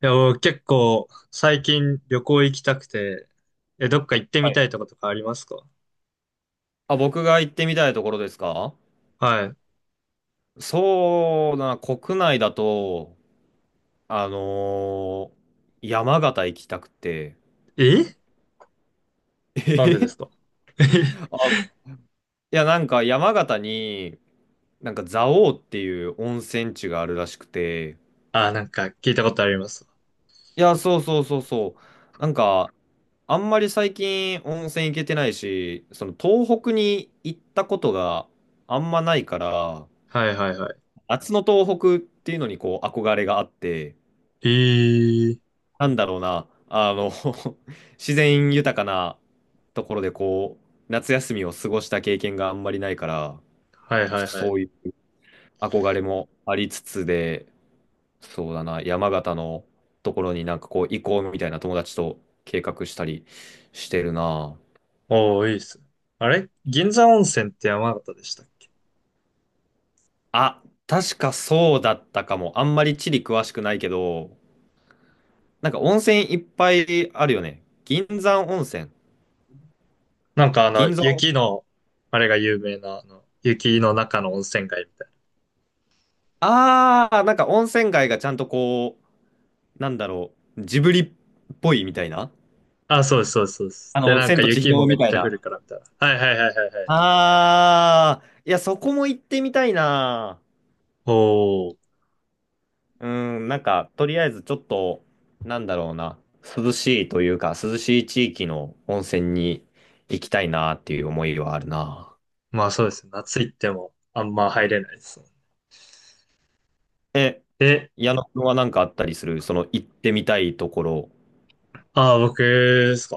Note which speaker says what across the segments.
Speaker 1: いや、僕結構最近旅行行きたくて、どっか行って
Speaker 2: は
Speaker 1: みた
Speaker 2: い。
Speaker 1: いとことかありますか？
Speaker 2: あ、僕が行ってみたいところですか？
Speaker 1: は
Speaker 2: そうだな、国内だと、あのー山形行きたくて。
Speaker 1: い。なんでです か？
Speaker 2: あ、いや、なんか山形に、なんか蔵王っていう温泉地があるらしくて。
Speaker 1: あ、なんか聞いたことあります。
Speaker 2: いや、そうそうそうそう。なんか、あんまり最近温泉行けてないし、その東北に行ったことがあんまないから、
Speaker 1: はいはいは
Speaker 2: 夏の東北っていうのにこう憧れがあって。
Speaker 1: い。
Speaker 2: なんだろうな、あの、自然豊かなところでこう、夏休みを過ごした経験があんまりないから、
Speaker 1: はい
Speaker 2: ちょ
Speaker 1: は
Speaker 2: っと
Speaker 1: いは
Speaker 2: そ
Speaker 1: い。
Speaker 2: ういう憧れもありつつで、そうだな、山形のところになんかこう行こうみたいな友達と計画したりしてるな。
Speaker 1: おー、いいっすね。あれ銀山温泉って山形でしたっけ？
Speaker 2: あ、確かそうだったかも。あんまり地理詳しくないけど、なんか温泉いっぱいあるよね。銀山温泉。
Speaker 1: なんか
Speaker 2: 銀山。
Speaker 1: 雪の、あれが有名な、雪の中の温泉街みたい
Speaker 2: ああ、なんか温泉街がちゃんとこう、なんだろう、ジブリっぽいみたいな、
Speaker 1: な。あ、そうですそうですそうです。
Speaker 2: あ
Speaker 1: で、
Speaker 2: の、
Speaker 1: なん
Speaker 2: 千
Speaker 1: か
Speaker 2: と千
Speaker 1: 雪も
Speaker 2: 尋
Speaker 1: め
Speaker 2: み
Speaker 1: っ
Speaker 2: たい
Speaker 1: ちゃ降る
Speaker 2: な。
Speaker 1: からみたいな。はいはいはいはいはい。
Speaker 2: あー、いや、そこも行ってみたいな。
Speaker 1: おー。
Speaker 2: うん、なんか、とりあえずちょっと、なんだろうな、涼しいというか、涼しい地域の温泉に行きたいなっていう思いはあるな。
Speaker 1: まあそうですね。夏行ってもあんま入れないですね。
Speaker 2: え、
Speaker 1: で、
Speaker 2: 矢野くんはなんかあったりする、その行ってみたいところ。
Speaker 1: ああ、僕ですか。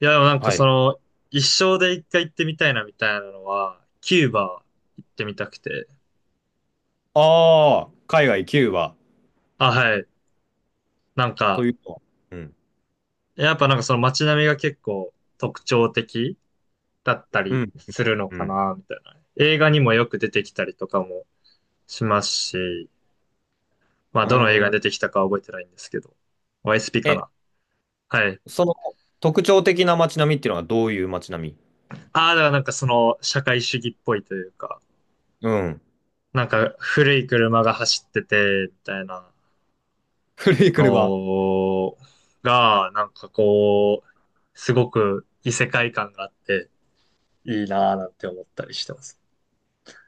Speaker 1: いや、でもなんか
Speaker 2: はい。
Speaker 1: その、一生で一回行ってみたいなみたいなのは、キューバ行ってみたくて。
Speaker 2: あー、海外キューバ
Speaker 1: あ、はい。なん
Speaker 2: と
Speaker 1: か、
Speaker 2: いうと。うん、
Speaker 1: やっぱなんかその街並みが結構特徴的だった
Speaker 2: う
Speaker 1: り
Speaker 2: ん、
Speaker 1: するの
Speaker 2: う
Speaker 1: か
Speaker 2: ん。
Speaker 1: な、みたいな。映画にもよく出てきたりとかもしますし、まあ
Speaker 2: う
Speaker 1: どの映画
Speaker 2: ー
Speaker 1: に出て
Speaker 2: ん。
Speaker 1: きたかは覚えてないんですけど、YSP か
Speaker 2: え、
Speaker 1: な。はい。
Speaker 2: その特徴的な街並みっていうのはどういう街並み？
Speaker 1: ああ、だからなんかその社会主義っぽいというか、
Speaker 2: うん。
Speaker 1: なんか古い車が走ってて、みたいな
Speaker 2: 古い車。
Speaker 1: のが、なんかこう、すごく異世界感があっていいなぁなんて思ったりしてます。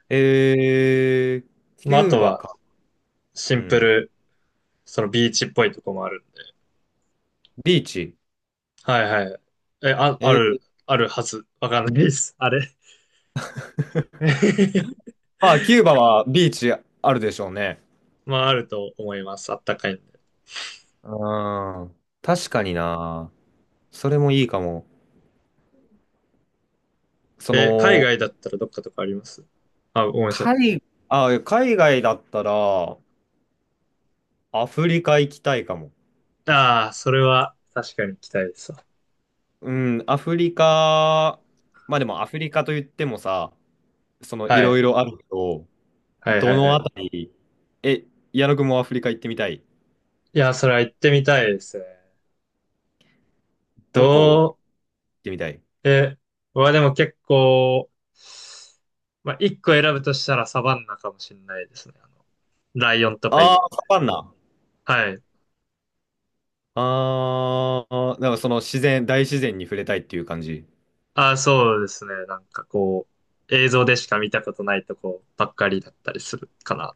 Speaker 2: えー、キ
Speaker 1: まあ、あ
Speaker 2: ュー
Speaker 1: と
Speaker 2: バ
Speaker 1: は
Speaker 2: か。
Speaker 1: シ
Speaker 2: う
Speaker 1: ンプ
Speaker 2: ん。
Speaker 1: ル、そのビーチっぽいとこもあるんで。
Speaker 2: ビーチ。
Speaker 1: はいはい。え、あ、あ
Speaker 2: え
Speaker 1: る、
Speaker 2: ー、
Speaker 1: あるはず。わかんないです。あれ。
Speaker 2: まあ、キューバはビーチあるでしょうね。
Speaker 1: まあ、あると思います。あったかいんで。
Speaker 2: うーん。確かにな。それもいいかも。そ
Speaker 1: 海
Speaker 2: の、
Speaker 1: 外だったらどっかとかあります？あ、ごめんなさい。
Speaker 2: 海、あ、海外だったら、アフリカ行きたいかも。
Speaker 1: ああ、それは確かに行きたいですわ。
Speaker 2: うん、アフリカ、まあでもアフリカと言ってもさ、そのい
Speaker 1: は
Speaker 2: ろ
Speaker 1: い。
Speaker 2: いろあるけど、
Speaker 1: はい
Speaker 2: ど
Speaker 1: はいは
Speaker 2: のあ
Speaker 1: い。
Speaker 2: たり？え、矢野くんもアフリカ行ってみたい？
Speaker 1: いや、それは行ってみたいですね。ど
Speaker 2: どこ行ってみたい？
Speaker 1: う、え、僕でも結構、まあ、一個選ぶとしたらサバンナかもしれないですね。ライオンとかい
Speaker 2: ああ
Speaker 1: る
Speaker 2: ー、サ
Speaker 1: みた
Speaker 2: バンナ。
Speaker 1: いな。はい。
Speaker 2: ああ、なんかその自然、大自然に触れたいっていう感じ。
Speaker 1: あ、そうですね。なんかこう、映像でしか見たことないとこばっかりだったりするかな。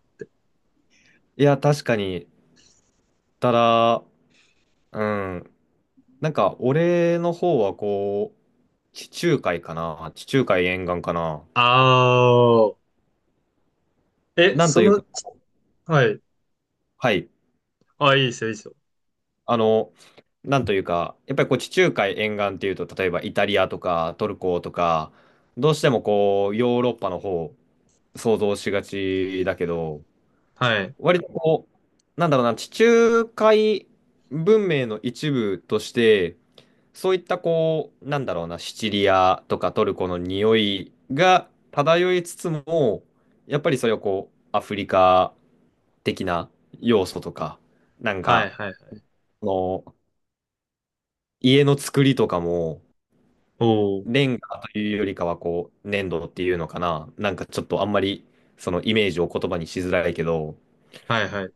Speaker 2: いや、確かに。ただ、うん。なんか、俺の方はこう、地中海かな。地中海沿岸かな。
Speaker 1: ああ、え、
Speaker 2: なん
Speaker 1: そ
Speaker 2: という
Speaker 1: の、
Speaker 2: か、
Speaker 1: ちはい。
Speaker 2: はい。
Speaker 1: あ、いいですよ、いいですよ。
Speaker 2: あの、なんというか、やっぱりこう、地中海沿岸っていうと、例えばイタリアとかトルコとか、どうしてもこう、ヨーロッパの方、想像しがちだけど、
Speaker 1: はい。
Speaker 2: 割とこう、なんだろうな、地中海文明の一部として、そういったこう、なんだろうな、シチリアとかトルコの匂いが漂いつつも、やっぱりそれをこう、アフリカ的な要素とか、なん
Speaker 1: はい、
Speaker 2: か、
Speaker 1: はい、はい。
Speaker 2: あの、家の作りとかも、
Speaker 1: おー、
Speaker 2: レンガというよりかはこう、粘土っていうのかな、なんかちょっとあんまり、そのイメージを言葉にしづらいけど、
Speaker 1: はい、はい、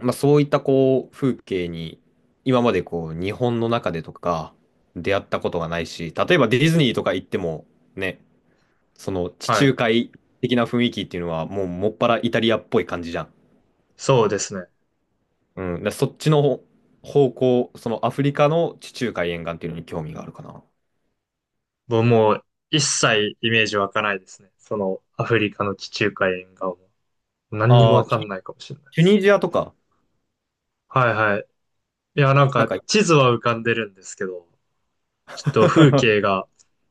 Speaker 2: まあ、そういったこう風景に今までこう日本の中でとか出会ったことがないし、例えばディズニーとか行ってもね、その地
Speaker 1: はい。
Speaker 2: 中海的な雰囲気っていうのはもうもっぱらイタリアっぽい感じじゃん。
Speaker 1: そうですね。
Speaker 2: うん、だからそっちの方向、そのアフリカの地中海沿岸っていうのに興味があるかな。
Speaker 1: もう一切イメージ湧かないですね。そのアフリカの地中海沿岸も。何にも
Speaker 2: ああ、
Speaker 1: わか
Speaker 2: チ
Speaker 1: ん
Speaker 2: ュ、
Speaker 1: ないかもしれないで
Speaker 2: チュ
Speaker 1: す。
Speaker 2: ニジアとか、
Speaker 1: はいはい。いや、なん
Speaker 2: なん
Speaker 1: か
Speaker 2: か、
Speaker 1: 地図は浮かんでるんですけど、ちょっと風景 が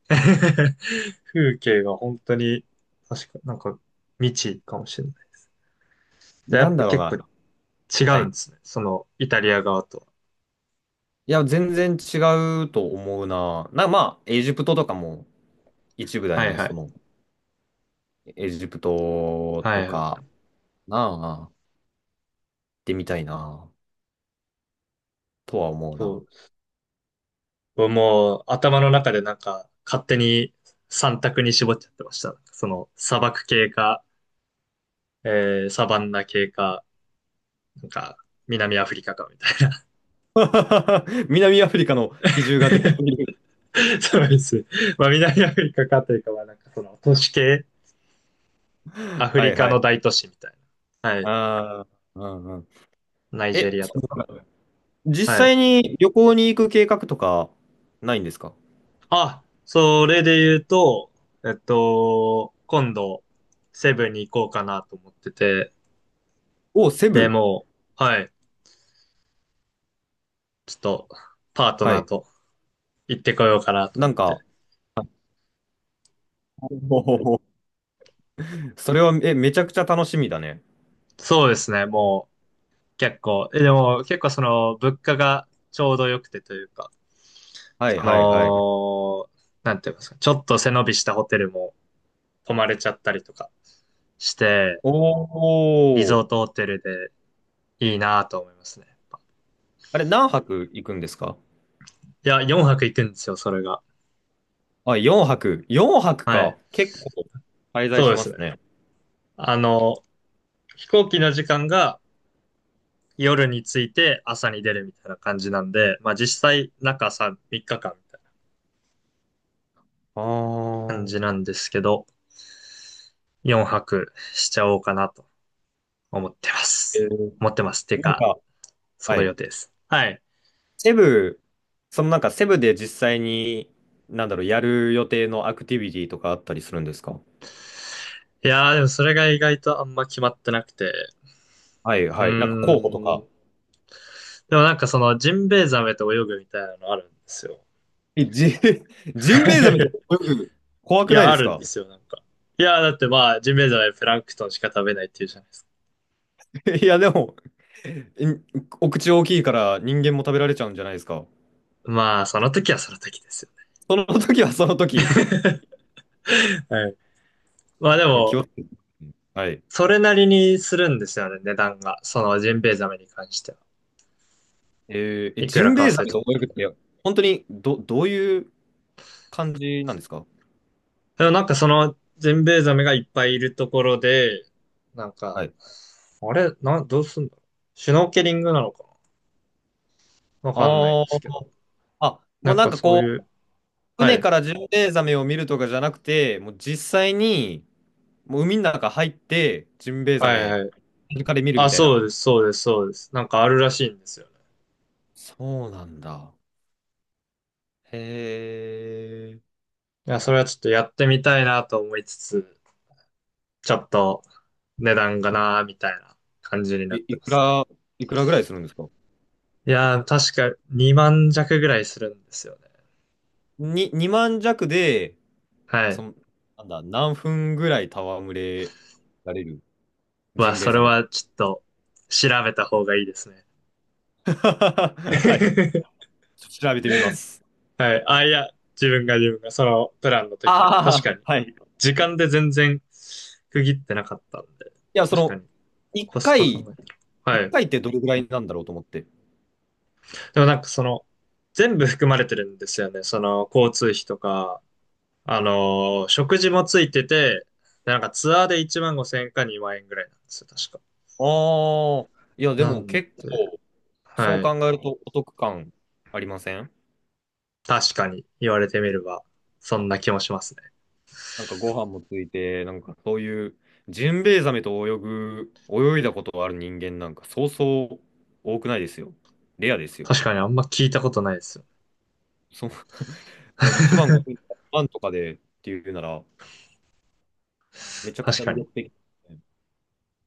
Speaker 1: 風景が本当に、確か、なんか未知かもしれない。で、や
Speaker 2: な
Speaker 1: っ
Speaker 2: ん
Speaker 1: ぱ
Speaker 2: だろう
Speaker 1: 結構
Speaker 2: な。
Speaker 1: 違
Speaker 2: は
Speaker 1: うん
Speaker 2: い。
Speaker 1: ですね。そのイタリア側とは。
Speaker 2: いや、全然違うと思うな。な、まあ、エジプトとかも一部だよ
Speaker 1: はい
Speaker 2: ね、
Speaker 1: は
Speaker 2: その。
Speaker 1: い。
Speaker 2: エジプト
Speaker 1: は
Speaker 2: と
Speaker 1: いはい。
Speaker 2: か、なあ、行ってみたいな、とは思う
Speaker 1: そ
Speaker 2: な。
Speaker 1: う。もう頭の中でなんか勝手に三択に絞っちゃってました。その砂漠系かサバンナ系か、なんか、南アフリカかみたいな。
Speaker 2: 南アフリカの比重が出てくる。
Speaker 1: そうですね。まあ、南アフリカかというか、まあ、なんかその、都市系、ア フ
Speaker 2: は
Speaker 1: リ
Speaker 2: い
Speaker 1: カ
Speaker 2: は
Speaker 1: の
Speaker 2: い。
Speaker 1: 大都市みたいな。はい。
Speaker 2: ああ、うんうん。
Speaker 1: ナイジェ
Speaker 2: え、
Speaker 1: リア
Speaker 2: そ
Speaker 1: とか。
Speaker 2: の実
Speaker 1: はい。
Speaker 2: 際に旅行に行く計画とかないんですか？
Speaker 1: あ、それで言うと、今度、セブンに行こうかなと思ってて、
Speaker 2: お、セ
Speaker 1: で、
Speaker 2: ブ。
Speaker 1: もう、はい。ちょっと、パート
Speaker 2: は
Speaker 1: ナー
Speaker 2: い。
Speaker 1: と行ってこようかなと
Speaker 2: な
Speaker 1: 思っ
Speaker 2: ん
Speaker 1: て。
Speaker 2: か、おー、それは、え、めちゃくちゃ楽しみだね。
Speaker 1: そうですね、もう、結構、でも、結構その、物価がちょうど良くてというか、
Speaker 2: はい
Speaker 1: そ
Speaker 2: はいはい。
Speaker 1: の、なんて言いますか、ちょっと背伸びしたホテルも泊まれちゃったりとかして、
Speaker 2: お
Speaker 1: リゾ
Speaker 2: お。
Speaker 1: ートホテルでいいなと思いますね。
Speaker 2: あれ、何泊行くんですか？
Speaker 1: いや、4泊行くんですよ、それが。
Speaker 2: あ、4泊。4泊
Speaker 1: は
Speaker 2: か。
Speaker 1: い。
Speaker 2: 結構滞在
Speaker 1: そう
Speaker 2: し
Speaker 1: で
Speaker 2: ま
Speaker 1: す
Speaker 2: す
Speaker 1: ね。
Speaker 2: ね。
Speaker 1: あの、飛行機の時間が夜に着いて朝に出るみたいな感じなんで、まあ実際中3、3日間みたい
Speaker 2: あ
Speaker 1: な感
Speaker 2: ー、
Speaker 1: じなんですけど、4泊しちゃおうかなと思ってま
Speaker 2: え
Speaker 1: す。
Speaker 2: ー、
Speaker 1: 思ってます。て
Speaker 2: なん
Speaker 1: か、
Speaker 2: か、
Speaker 1: そ
Speaker 2: は
Speaker 1: の予
Speaker 2: い。
Speaker 1: 定です。はい。
Speaker 2: セブ、そのなんかセブで実際に、なんだろう、やる予定のアクティビティとかあったりするんですか？
Speaker 1: いやー、でもそれが意外とあんま決まってなくて。
Speaker 2: はい
Speaker 1: う
Speaker 2: はい。なんか候補と
Speaker 1: ー
Speaker 2: か。
Speaker 1: ん。でもなんかそのジンベエザメと泳ぐみたいなのあるんですよ。
Speaker 2: え、ジ、ジンベエザメとか 泳ぐ、怖
Speaker 1: い
Speaker 2: くない
Speaker 1: や、
Speaker 2: で
Speaker 1: あ
Speaker 2: す
Speaker 1: るん
Speaker 2: か？
Speaker 1: ですよ、なんか。いやだってまあ、ジンベエザメプランクトンしか食べないっていうじゃないですか。
Speaker 2: いや、でも、ん、お口大きいから人間も食べられちゃうんじゃないですか。
Speaker 1: まあ、その時はその時ですよ
Speaker 2: その時はその時、
Speaker 1: ね。はい。まあで
Speaker 2: 気
Speaker 1: も、
Speaker 2: を、はい。
Speaker 1: それなりにするんですよね、値段が。そのジンベエザメに関しては。
Speaker 2: えー、え、
Speaker 1: いく
Speaker 2: ジ
Speaker 1: ら
Speaker 2: ンベ
Speaker 1: か
Speaker 2: エ
Speaker 1: 忘
Speaker 2: ザ
Speaker 1: れ
Speaker 2: メ
Speaker 1: ちゃっ
Speaker 2: と
Speaker 1: た
Speaker 2: 泳
Speaker 1: け
Speaker 2: ぐっ
Speaker 1: ど。
Speaker 2: て、本当にど、どういう感じなんですか？
Speaker 1: でもなんかそのジンベエザメがいっぱいいるところで、なんか、
Speaker 2: はい。
Speaker 1: あれ、どうすんだろう。シュノーケリングなのか。わかんない
Speaker 2: あ
Speaker 1: で
Speaker 2: あ、
Speaker 1: すけど。
Speaker 2: あ、も
Speaker 1: な
Speaker 2: う
Speaker 1: ん
Speaker 2: なん
Speaker 1: か
Speaker 2: か
Speaker 1: そう
Speaker 2: こ
Speaker 1: い
Speaker 2: う、
Speaker 1: う、は
Speaker 2: 船
Speaker 1: い。
Speaker 2: からジンベエザメを見るとかじゃなくて、もう実際に、もう海の中入って、ジンベエザ
Speaker 1: はい
Speaker 2: メ、
Speaker 1: はい。
Speaker 2: イルで見るみ
Speaker 1: あ、
Speaker 2: たいな。
Speaker 1: そうです、そうです、そうです。なんかあるらしいんですよね。
Speaker 2: そうなんだ。へえ。
Speaker 1: いや、それはちょっとやってみたいなと思いつつ、ちょっと値段がなーみたいな感じにな
Speaker 2: い、
Speaker 1: って
Speaker 2: い
Speaker 1: ま
Speaker 2: く
Speaker 1: す。
Speaker 2: ら、いくらぐらいするんですか？
Speaker 1: いやー、確か2万弱ぐらいするんですよね。
Speaker 2: に、2万弱で、
Speaker 1: は
Speaker 2: そ
Speaker 1: い。
Speaker 2: の、なんだ、何分ぐらい戯れられる、
Speaker 1: う
Speaker 2: ジ
Speaker 1: わ、
Speaker 2: ンベエ
Speaker 1: それ
Speaker 2: ザメと。
Speaker 1: はちょっと調べた方がいいですね。
Speaker 2: はい。調べてみます。
Speaker 1: はい。あ、いや、自分がそのプランの時に。確
Speaker 2: ああ、
Speaker 1: かに。
Speaker 2: はい。い
Speaker 1: 時間で全然区切ってなかったんで。
Speaker 2: や、そ
Speaker 1: 確か
Speaker 2: の、
Speaker 1: に。
Speaker 2: 1
Speaker 1: コスパ考
Speaker 2: 回、
Speaker 1: えたら。
Speaker 2: 一
Speaker 1: はい。
Speaker 2: 回ってどれぐらいなんだろうと思って。
Speaker 1: でもなんかその、全部含まれてるんですよね。その、交通費とか、食事もついてて、でなんかツアーで1万5千円か2万円ぐらいなんですよ、確か。
Speaker 2: ああ、いや、で
Speaker 1: な
Speaker 2: も
Speaker 1: んで、
Speaker 2: 結構、そう
Speaker 1: はい。
Speaker 2: 考えるとお得感ありません？
Speaker 1: 確かに言われてみれば、そんな気もしますね。
Speaker 2: なんかご飯もついて、なんかそういう、ジンベエザメと泳ぐ、泳いだことがある人間なんか、そうそう多くないですよ。レアですよ。
Speaker 1: 確かにあんま聞いたことないですよ。
Speaker 2: そう、ね、1万5千 万とかでっていうなら、めちゃくち
Speaker 1: 確
Speaker 2: ゃ
Speaker 1: か
Speaker 2: 魅
Speaker 1: に。
Speaker 2: 力的ですね。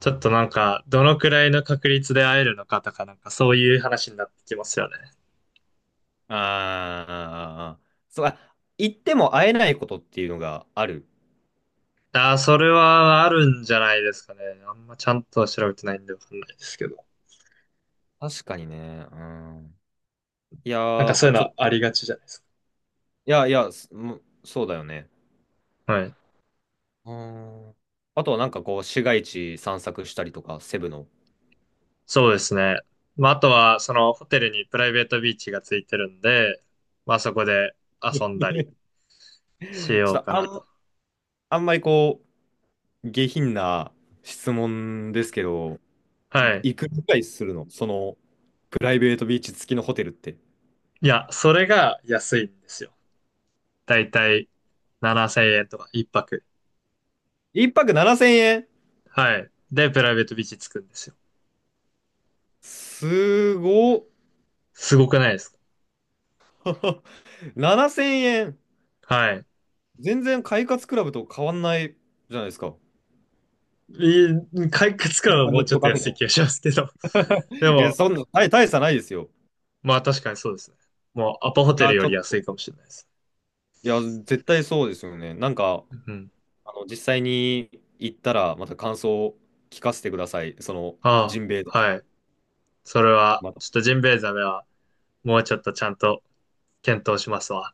Speaker 1: ちょっとなんか、どのくらいの確率で会えるのかとか、なんかそういう話になってきますよね。
Speaker 2: ああ、そう、あ、行っても会えないことっていうのがある。
Speaker 1: ああ、それはあるんじゃないですかね。あんまちゃんとは調べてないんでわかんないですけど。
Speaker 2: 確かにね。うん。いや
Speaker 1: なんかそう
Speaker 2: ー、
Speaker 1: いうの
Speaker 2: ちょ
Speaker 1: は
Speaker 2: っ
Speaker 1: あ
Speaker 2: と。
Speaker 1: りがちじゃないです
Speaker 2: いやいや、すもうそうだよね。
Speaker 1: か？はい。
Speaker 2: うん。あとはなんかこう、市街地散策したりとか、セブの。
Speaker 1: そうですね。まあ、あとは、そのホテルにプライベートビーチがついてるんで、まあそこで 遊んだり
Speaker 2: ち
Speaker 1: し
Speaker 2: ょっ
Speaker 1: よう
Speaker 2: と
Speaker 1: か
Speaker 2: あ
Speaker 1: なと。
Speaker 2: ん、あんまりこう、下品な質問ですけど、
Speaker 1: はい。
Speaker 2: いくらぐらいするのその、プライベートビーチ付きのホテルって。
Speaker 1: いや、それが安いんですよ。だいたい7000円とか一泊。
Speaker 2: 一泊7000円？
Speaker 1: はい。で、プライベートビーチつくんですよ。
Speaker 2: すごっ、
Speaker 1: すごくないですか？
Speaker 2: 7000円。
Speaker 1: はい。
Speaker 2: 全然快活クラブと変わんないじゃないですか。
Speaker 1: い回復つく
Speaker 2: イ
Speaker 1: の
Speaker 2: ン
Speaker 1: は
Speaker 2: ター
Speaker 1: も
Speaker 2: ネ
Speaker 1: う
Speaker 2: ッ
Speaker 1: ちょ
Speaker 2: ト
Speaker 1: っと
Speaker 2: カフェ
Speaker 1: 安い
Speaker 2: と。
Speaker 1: 気がしますけど。で
Speaker 2: え、
Speaker 1: も、
Speaker 2: そんな、大、大差ないですよ。
Speaker 1: まあ確かにそうですね。もうアパホ
Speaker 2: い
Speaker 1: テル
Speaker 2: や、
Speaker 1: よ
Speaker 2: ちょっ
Speaker 1: り安いか
Speaker 2: と、
Speaker 1: もしれないです。
Speaker 2: いや、絶対そうですよね。なんか、
Speaker 1: うん。
Speaker 2: あの、実際に行ったら、また感想を聞かせてください。その、ジ
Speaker 1: あ
Speaker 2: ンベエザメ、
Speaker 1: あ、はい。それは、
Speaker 2: また
Speaker 1: ちょっとジンベエザメはもうちょっとちゃんと検討しますわ。